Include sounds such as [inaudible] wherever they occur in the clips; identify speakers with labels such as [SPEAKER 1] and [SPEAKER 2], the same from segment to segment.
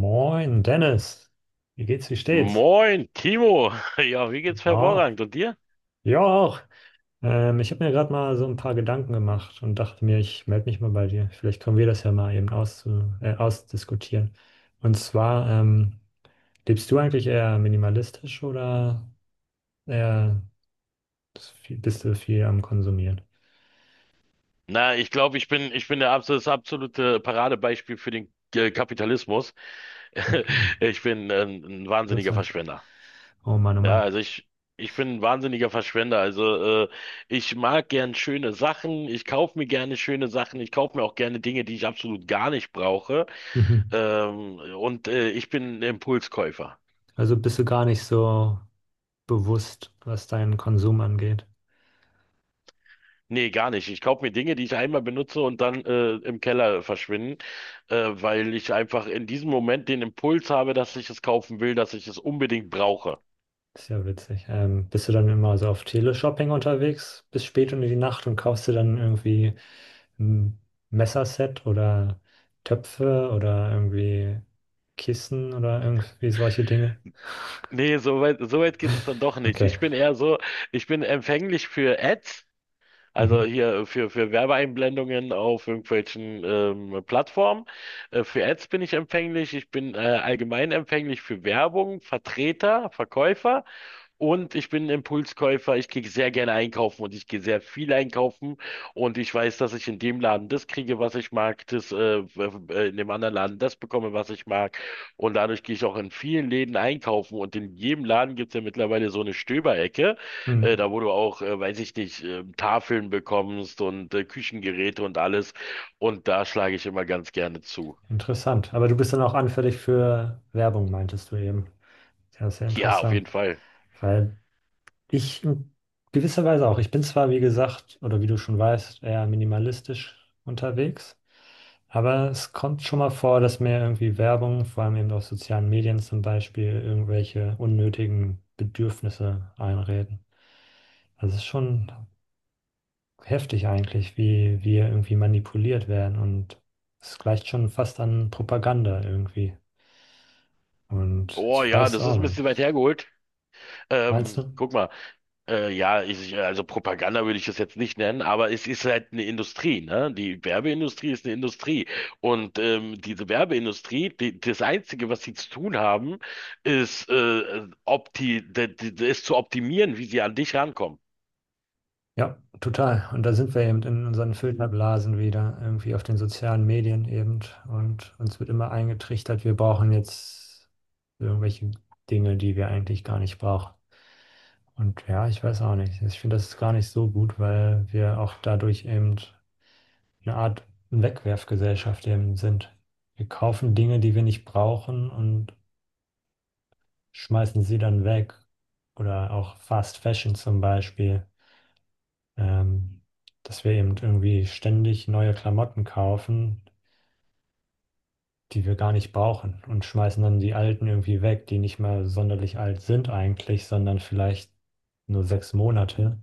[SPEAKER 1] Moin, Dennis. Wie geht's, wie steht's?
[SPEAKER 2] Moin, Timo. [laughs] Ja, wie geht's
[SPEAKER 1] Ja,
[SPEAKER 2] hervorragend? Und dir?
[SPEAKER 1] ja auch. Ich habe mir gerade mal so ein paar Gedanken gemacht und dachte mir, ich melde mich mal bei dir. Vielleicht können wir das ja mal eben auszu ausdiskutieren. Und zwar, lebst du eigentlich eher minimalistisch oder eher bist du viel am Konsumieren?
[SPEAKER 2] Na, ich glaube, ich bin der das absolute Paradebeispiel für den Kapitalismus. [laughs]
[SPEAKER 1] Mhm.
[SPEAKER 2] Ich bin ein wahnsinniger
[SPEAKER 1] Interessant.
[SPEAKER 2] Verschwender.
[SPEAKER 1] Oh Mann, oh
[SPEAKER 2] Ja,
[SPEAKER 1] Mann.
[SPEAKER 2] also ich, ich bin ein wahnsinniger Verschwender. Also ich mag gern schöne Sachen. Ich kaufe mir gerne schöne Sachen. Ich kaufe mir auch gerne Dinge, die ich absolut gar nicht brauche.
[SPEAKER 1] Mhm.
[SPEAKER 2] Ich bin ein Impulskäufer.
[SPEAKER 1] Also bist du gar nicht so bewusst, was deinen Konsum angeht.
[SPEAKER 2] Nee, gar nicht. Ich kaufe mir Dinge, die ich einmal benutze und dann im Keller verschwinden, weil ich einfach in diesem Moment den Impuls habe, dass ich es kaufen will, dass ich es unbedingt brauche.
[SPEAKER 1] Ist ja witzig. Bist du dann immer so auf Teleshopping unterwegs bis spät in die Nacht und kaufst dir dann irgendwie ein Messerset oder Töpfe oder irgendwie Kissen oder irgendwie solche Dinge?
[SPEAKER 2] Nee, so weit geht es dann doch nicht.
[SPEAKER 1] Okay.
[SPEAKER 2] Ich bin eher so, ich bin empfänglich für Ads, also
[SPEAKER 1] Mhm.
[SPEAKER 2] hier für Werbeeinblendungen auf irgendwelchen Plattformen. Für Ads bin ich empfänglich. Ich bin allgemein empfänglich für Werbung, Vertreter, Verkäufer. Und ich bin ein Impulskäufer, ich gehe sehr gerne einkaufen und ich gehe sehr viel einkaufen und ich weiß, dass ich in dem Laden das kriege, was ich mag, w- in dem anderen Laden das bekomme, was ich mag, und dadurch gehe ich auch in vielen Läden einkaufen, und in jedem Laden gibt's ja mittlerweile so eine Stöberecke,
[SPEAKER 1] Mhm.
[SPEAKER 2] da wo du auch, weiß ich nicht, Tafeln bekommst und Küchengeräte und alles, und da schlage ich immer ganz gerne zu.
[SPEAKER 1] Interessant. Aber du bist dann auch anfällig für Werbung, meintest du eben. Ja, sehr
[SPEAKER 2] Ja, auf jeden
[SPEAKER 1] interessant.
[SPEAKER 2] Fall.
[SPEAKER 1] Weil ich in gewisser Weise auch. Ich bin zwar, wie gesagt, oder wie du schon weißt, eher minimalistisch unterwegs, aber es kommt schon mal vor, dass mir irgendwie Werbung, vor allem eben auf sozialen Medien zum Beispiel, irgendwelche unnötigen Bedürfnisse einreden. Also es ist schon heftig eigentlich, wie wir irgendwie manipuliert werden und es gleicht schon fast an Propaganda irgendwie. Und
[SPEAKER 2] Oh
[SPEAKER 1] ich
[SPEAKER 2] ja,
[SPEAKER 1] weiß
[SPEAKER 2] das
[SPEAKER 1] auch
[SPEAKER 2] ist ein
[SPEAKER 1] nicht.
[SPEAKER 2] bisschen weit hergeholt.
[SPEAKER 1] Meinst du?
[SPEAKER 2] Guck mal. Also Propaganda würde ich das jetzt nicht nennen, aber es ist halt eine Industrie, ne? Die Werbeindustrie ist eine Industrie. Und diese Werbeindustrie, die, das Einzige, was sie zu tun haben, ist, opti, de, de, de, ist zu optimieren, wie sie an dich rankommen.
[SPEAKER 1] Ja, total. Und da sind wir eben in unseren Filterblasen wieder, irgendwie auf den sozialen Medien eben. Und uns wird immer eingetrichtert, wir brauchen jetzt irgendwelche Dinge, die wir eigentlich gar nicht brauchen. Und ja, ich weiß auch nicht. Ich finde, das ist gar nicht so gut, weil wir auch dadurch eben eine Art Wegwerfgesellschaft eben sind. Wir kaufen Dinge, die wir nicht brauchen und schmeißen sie dann weg. Oder auch Fast Fashion zum Beispiel, ähm, dass wir eben irgendwie ständig neue Klamotten kaufen, die wir gar nicht brauchen und schmeißen dann die alten irgendwie weg, die nicht mal sonderlich alt sind eigentlich, sondern vielleicht nur 6 Monate,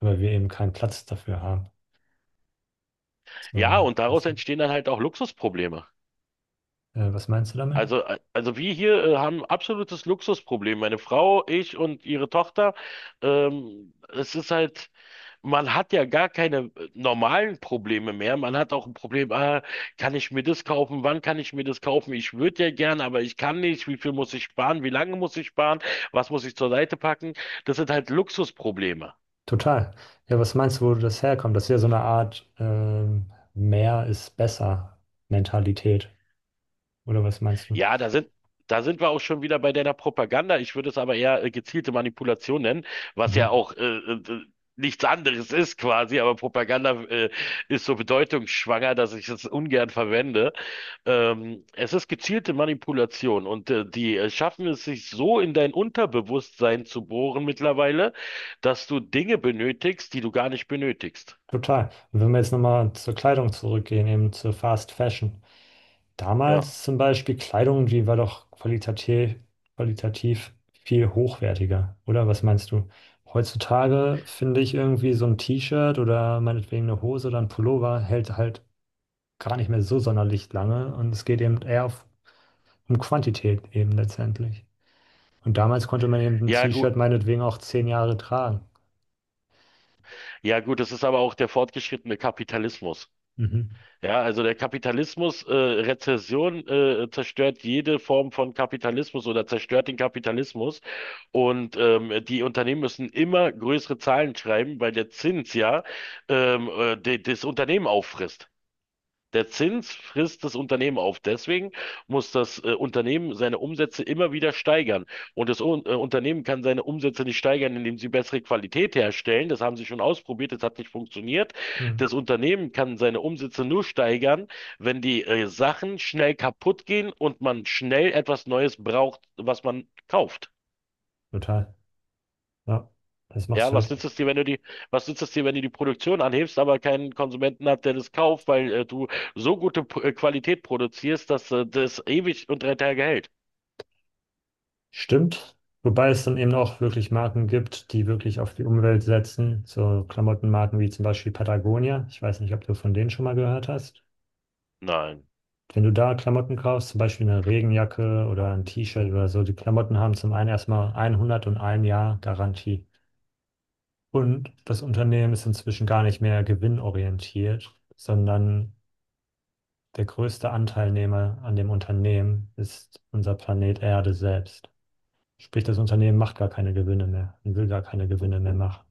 [SPEAKER 1] weil wir eben keinen Platz dafür haben.
[SPEAKER 2] Ja,
[SPEAKER 1] So,
[SPEAKER 2] und daraus
[SPEAKER 1] weißt du?
[SPEAKER 2] entstehen dann halt auch Luxusprobleme.
[SPEAKER 1] Was meinst du damit?
[SPEAKER 2] Also wir hier haben absolutes Luxusproblem. Meine Frau, ich und ihre Tochter. Es ist halt, man hat ja gar keine normalen Probleme mehr. Man hat auch ein Problem, ah, kann ich mir das kaufen? Wann kann ich mir das kaufen? Ich würde ja gern, aber ich kann nicht. Wie viel muss ich sparen? Wie lange muss ich sparen? Was muss ich zur Seite packen? Das sind halt Luxusprobleme.
[SPEAKER 1] Total. Ja, was meinst du, wo das herkommt? Das ist ja so eine Art, mehr ist besser Mentalität. Oder was meinst du?
[SPEAKER 2] Ja, da sind, da sind wir auch schon wieder bei deiner Propaganda. Ich würde es aber eher gezielte Manipulation nennen, was ja
[SPEAKER 1] Mhm.
[SPEAKER 2] auch nichts anderes ist quasi, aber Propaganda ist so bedeutungsschwanger, dass ich es ungern verwende. Es ist gezielte Manipulation, und die schaffen es sich so in dein Unterbewusstsein zu bohren mittlerweile, dass du Dinge benötigst, die du gar nicht benötigst.
[SPEAKER 1] Total. Und wenn wir jetzt nochmal zur Kleidung zurückgehen, eben zur Fast Fashion.
[SPEAKER 2] Ja.
[SPEAKER 1] Damals zum Beispiel Kleidung, die war doch qualitativ, qualitativ viel hochwertiger, oder? Was meinst du? Heutzutage finde ich irgendwie so ein T-Shirt oder meinetwegen eine Hose oder ein Pullover hält halt gar nicht mehr so sonderlich lange und es geht eben eher auf, um Quantität eben letztendlich. Und damals konnte man eben ein
[SPEAKER 2] Ja, gut.
[SPEAKER 1] T-Shirt meinetwegen auch 10 Jahre tragen.
[SPEAKER 2] Ja, gut, das ist aber auch der fortgeschrittene Kapitalismus.
[SPEAKER 1] Mhm.
[SPEAKER 2] Ja, also der Kapitalismus, Rezession, zerstört jede Form von Kapitalismus oder zerstört den Kapitalismus. Und die Unternehmen müssen immer größere Zahlen schreiben, weil der Zins ja das Unternehmen auffrisst. Der Zins frisst das Unternehmen auf. Deswegen muss das Unternehmen seine Umsätze immer wieder steigern. Und das Unternehmen kann seine Umsätze nicht steigern, indem sie bessere Qualität herstellen. Das haben sie schon ausprobiert, das hat nicht funktioniert.
[SPEAKER 1] Mhm.
[SPEAKER 2] Das Unternehmen kann seine Umsätze nur steigern, wenn die Sachen schnell kaputt gehen und man schnell etwas Neues braucht, was man kauft.
[SPEAKER 1] Total. Ja, das macht
[SPEAKER 2] Ja,
[SPEAKER 1] halt.
[SPEAKER 2] was nützt es dir, wenn du die Produktion anhebst, aber keinen Konsumenten hat, der das kauft, weil du so gute P Qualität produzierst, dass das ewig und drei Tage hält?
[SPEAKER 1] Stimmt. Wobei es dann eben auch wirklich Marken gibt, die wirklich auf die Umwelt setzen. So Klamottenmarken wie zum Beispiel Patagonia. Ich weiß nicht, ob du von denen schon mal gehört hast.
[SPEAKER 2] Nein.
[SPEAKER 1] Wenn du da Klamotten kaufst, zum Beispiel eine Regenjacke oder ein T-Shirt oder so, die Klamotten haben zum einen erstmal 101 Jahr Garantie. Und das Unternehmen ist inzwischen gar nicht mehr gewinnorientiert, sondern der größte Anteilnehmer an dem Unternehmen ist unser Planet Erde selbst. Sprich, das Unternehmen macht gar keine Gewinne mehr und will gar keine Gewinne mehr machen.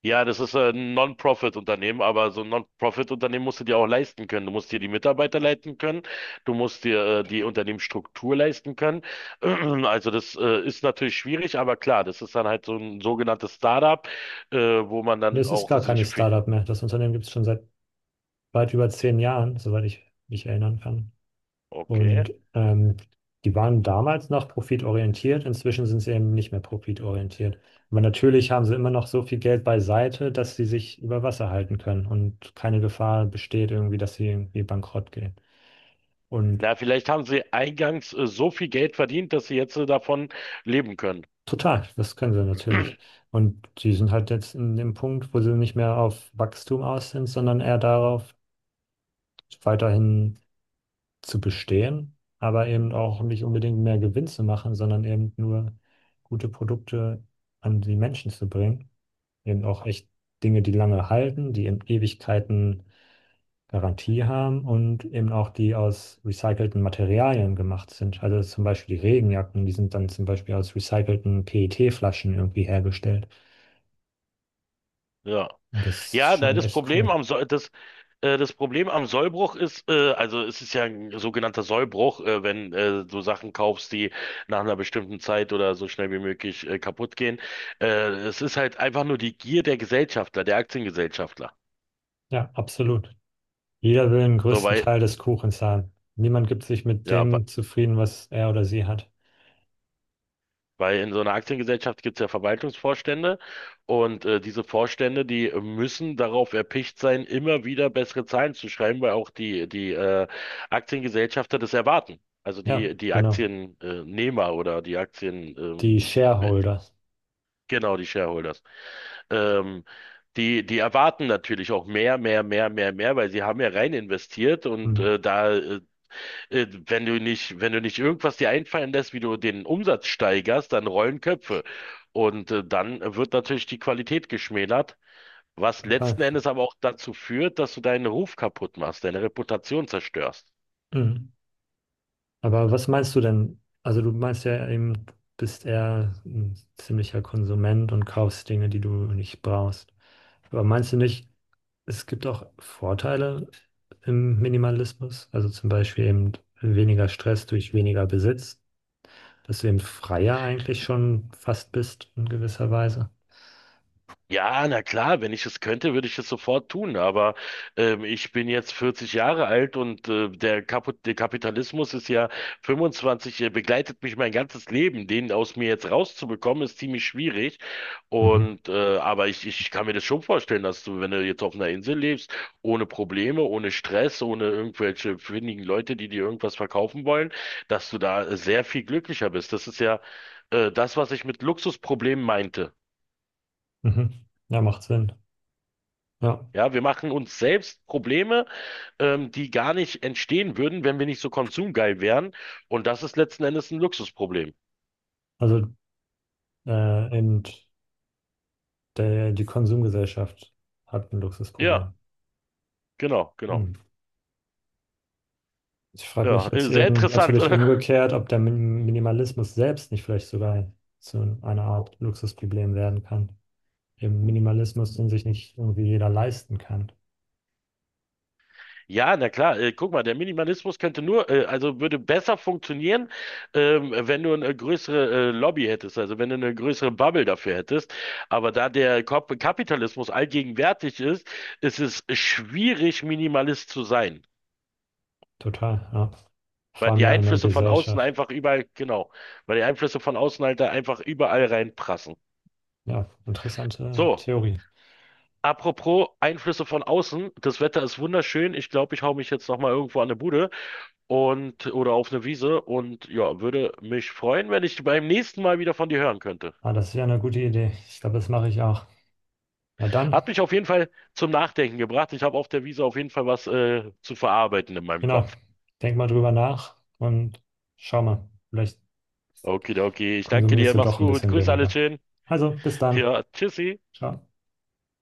[SPEAKER 2] Ja, das ist ein Non-Profit-Unternehmen, aber so ein Non-Profit-Unternehmen musst du dir auch leisten können. Du musst dir die Mitarbeiter leisten können, du musst dir die Unternehmensstruktur leisten können. [clears throat] Also das ist natürlich schwierig, aber klar, das ist dann halt so ein sogenanntes Startup, wo man
[SPEAKER 1] Und
[SPEAKER 2] dann
[SPEAKER 1] es ist
[SPEAKER 2] auch
[SPEAKER 1] gar keine
[SPEAKER 2] sich... viel-
[SPEAKER 1] Startup mehr. Das Unternehmen gibt es schon seit weit über 10 Jahren, soweit ich mich erinnern kann.
[SPEAKER 2] Okay.
[SPEAKER 1] Und die waren damals noch profitorientiert, inzwischen sind sie eben nicht mehr profitorientiert. Aber natürlich haben sie immer noch so viel Geld beiseite, dass sie sich über Wasser halten können und keine Gefahr besteht irgendwie, dass sie irgendwie bankrott gehen. Und
[SPEAKER 2] Na, vielleicht haben sie eingangs so viel Geld verdient, dass sie jetzt davon leben können.
[SPEAKER 1] total, das können sie natürlich. Und die sind halt jetzt in dem Punkt, wo sie nicht mehr auf Wachstum aus sind, sondern eher darauf, weiterhin zu bestehen, aber eben auch nicht unbedingt mehr Gewinn zu machen, sondern eben nur gute Produkte an die Menschen zu bringen. Eben auch echt Dinge, die lange halten, die eben Ewigkeiten Garantie haben und eben auch die aus recycelten Materialien gemacht sind. Also zum Beispiel die Regenjacken, die sind dann zum Beispiel aus recycelten PET-Flaschen irgendwie hergestellt.
[SPEAKER 2] Ja.
[SPEAKER 1] Und das ist
[SPEAKER 2] Ja, na,
[SPEAKER 1] schon echt cool.
[SPEAKER 2] Das Problem am Sollbruch ist, also es ist ja ein sogenannter Sollbruch, wenn du Sachen kaufst, die nach einer bestimmten Zeit oder so schnell wie möglich kaputt gehen. Äh, Es ist halt einfach nur die Gier der Gesellschafter, der Aktiengesellschafter.
[SPEAKER 1] Ja, absolut. Jeder will den
[SPEAKER 2] So,
[SPEAKER 1] größten Teil des Kuchens haben. Niemand gibt sich mit
[SPEAKER 2] ja,
[SPEAKER 1] dem zufrieden, was er oder sie hat.
[SPEAKER 2] Weil in so einer Aktiengesellschaft gibt es ja Verwaltungsvorstände, und diese Vorstände, die müssen darauf erpicht sein, immer wieder bessere Zahlen zu schreiben, weil auch die Aktiengesellschafter das erwarten. Also
[SPEAKER 1] Ja,
[SPEAKER 2] die
[SPEAKER 1] genau.
[SPEAKER 2] Aktiennehmer oder
[SPEAKER 1] Die Shareholder.
[SPEAKER 2] genau, die Shareholders. Ähm, Die erwarten natürlich auch mehr, weil sie haben ja rein investiert, und
[SPEAKER 1] Mhm,
[SPEAKER 2] da Wenn du nicht, wenn du nicht irgendwas dir einfallen lässt, wie du den Umsatz steigerst, dann rollen Köpfe. Und dann wird natürlich die Qualität geschmälert, was
[SPEAKER 1] total.
[SPEAKER 2] letzten Endes aber auch dazu führt, dass du deinen Ruf kaputt machst, deine Reputation zerstörst.
[SPEAKER 1] Mhm. Aber was meinst du denn? Also du meinst ja eben, bist eher ein ziemlicher Konsument und kaufst Dinge, die du nicht brauchst. Aber meinst du nicht, es gibt auch Vorteile im Minimalismus? Also zum Beispiel eben weniger Stress durch weniger Besitz, dass du eben freier eigentlich schon fast bist in gewisser Weise.
[SPEAKER 2] Ja, na klar, wenn ich es könnte, würde ich es sofort tun. Aber ich bin jetzt 40 Jahre alt, und der Kapitalismus ist ja 25, begleitet mich mein ganzes Leben. Den aus mir jetzt rauszubekommen, ist ziemlich schwierig.
[SPEAKER 1] Mhm.
[SPEAKER 2] Und aber ich kann mir das schon vorstellen, dass du, wenn du jetzt auf einer Insel lebst, ohne Probleme, ohne Stress, ohne irgendwelche findigen Leute, die dir irgendwas verkaufen wollen, dass du da sehr viel glücklicher bist. Das ist ja das, was ich mit Luxusproblemen meinte.
[SPEAKER 1] Mhm. Ja, macht Sinn. Ja,
[SPEAKER 2] Ja, wir machen uns selbst Probleme, die gar nicht entstehen würden, wenn wir nicht so konsumgeil wären. Und das ist letzten Endes ein Luxusproblem.
[SPEAKER 1] also eben der, die Konsumgesellschaft hat ein
[SPEAKER 2] Ja,
[SPEAKER 1] Luxusproblem.
[SPEAKER 2] genau, genau.
[SPEAKER 1] Hm. Ich frage mich
[SPEAKER 2] Ja,
[SPEAKER 1] jetzt
[SPEAKER 2] sehr
[SPEAKER 1] eben
[SPEAKER 2] interessant,
[SPEAKER 1] natürlich
[SPEAKER 2] oder? [laughs]
[SPEAKER 1] umgekehrt, ob der Minimalismus selbst nicht vielleicht sogar zu einer Art Luxusproblem werden kann. Eben Minimalismus, den sich nicht irgendwie jeder leisten kann.
[SPEAKER 2] Ja, na klar. Guck mal, der Minimalismus könnte nur, also würde besser funktionieren, wenn du eine größere Lobby hättest, also wenn du eine größere Bubble dafür hättest. Aber da der Kapitalismus allgegenwärtig ist, ist es schwierig, Minimalist zu sein.
[SPEAKER 1] Total, ja. Vor
[SPEAKER 2] Weil
[SPEAKER 1] allem
[SPEAKER 2] die
[SPEAKER 1] ja in der
[SPEAKER 2] Einflüsse von außen
[SPEAKER 1] Gesellschaft.
[SPEAKER 2] einfach überall, genau, weil die Einflüsse von außen halt da einfach überall reinprassen.
[SPEAKER 1] Ja, interessante
[SPEAKER 2] So,
[SPEAKER 1] Theorie.
[SPEAKER 2] apropos Einflüsse von außen, das Wetter ist wunderschön. Ich glaube, ich hau mich jetzt nochmal irgendwo an eine Bude und oder auf eine Wiese, und ja, würde mich freuen, wenn ich beim nächsten Mal wieder von dir hören könnte.
[SPEAKER 1] Ah, das ist ja eine gute Idee. Ich glaube, das mache ich auch. Na dann,
[SPEAKER 2] Hat mich auf jeden Fall zum Nachdenken gebracht. Ich habe auf der Wiese auf jeden Fall was zu verarbeiten in meinem
[SPEAKER 1] genau.
[SPEAKER 2] Kopf.
[SPEAKER 1] Denk mal drüber nach und schau mal. Vielleicht
[SPEAKER 2] Okidoki, ich danke
[SPEAKER 1] konsumierst
[SPEAKER 2] dir,
[SPEAKER 1] du
[SPEAKER 2] mach's
[SPEAKER 1] doch ein
[SPEAKER 2] gut.
[SPEAKER 1] bisschen
[SPEAKER 2] Grüß alle
[SPEAKER 1] weniger.
[SPEAKER 2] schön.
[SPEAKER 1] Also, bis dann.
[SPEAKER 2] Ja, tschüssi.
[SPEAKER 1] Ciao.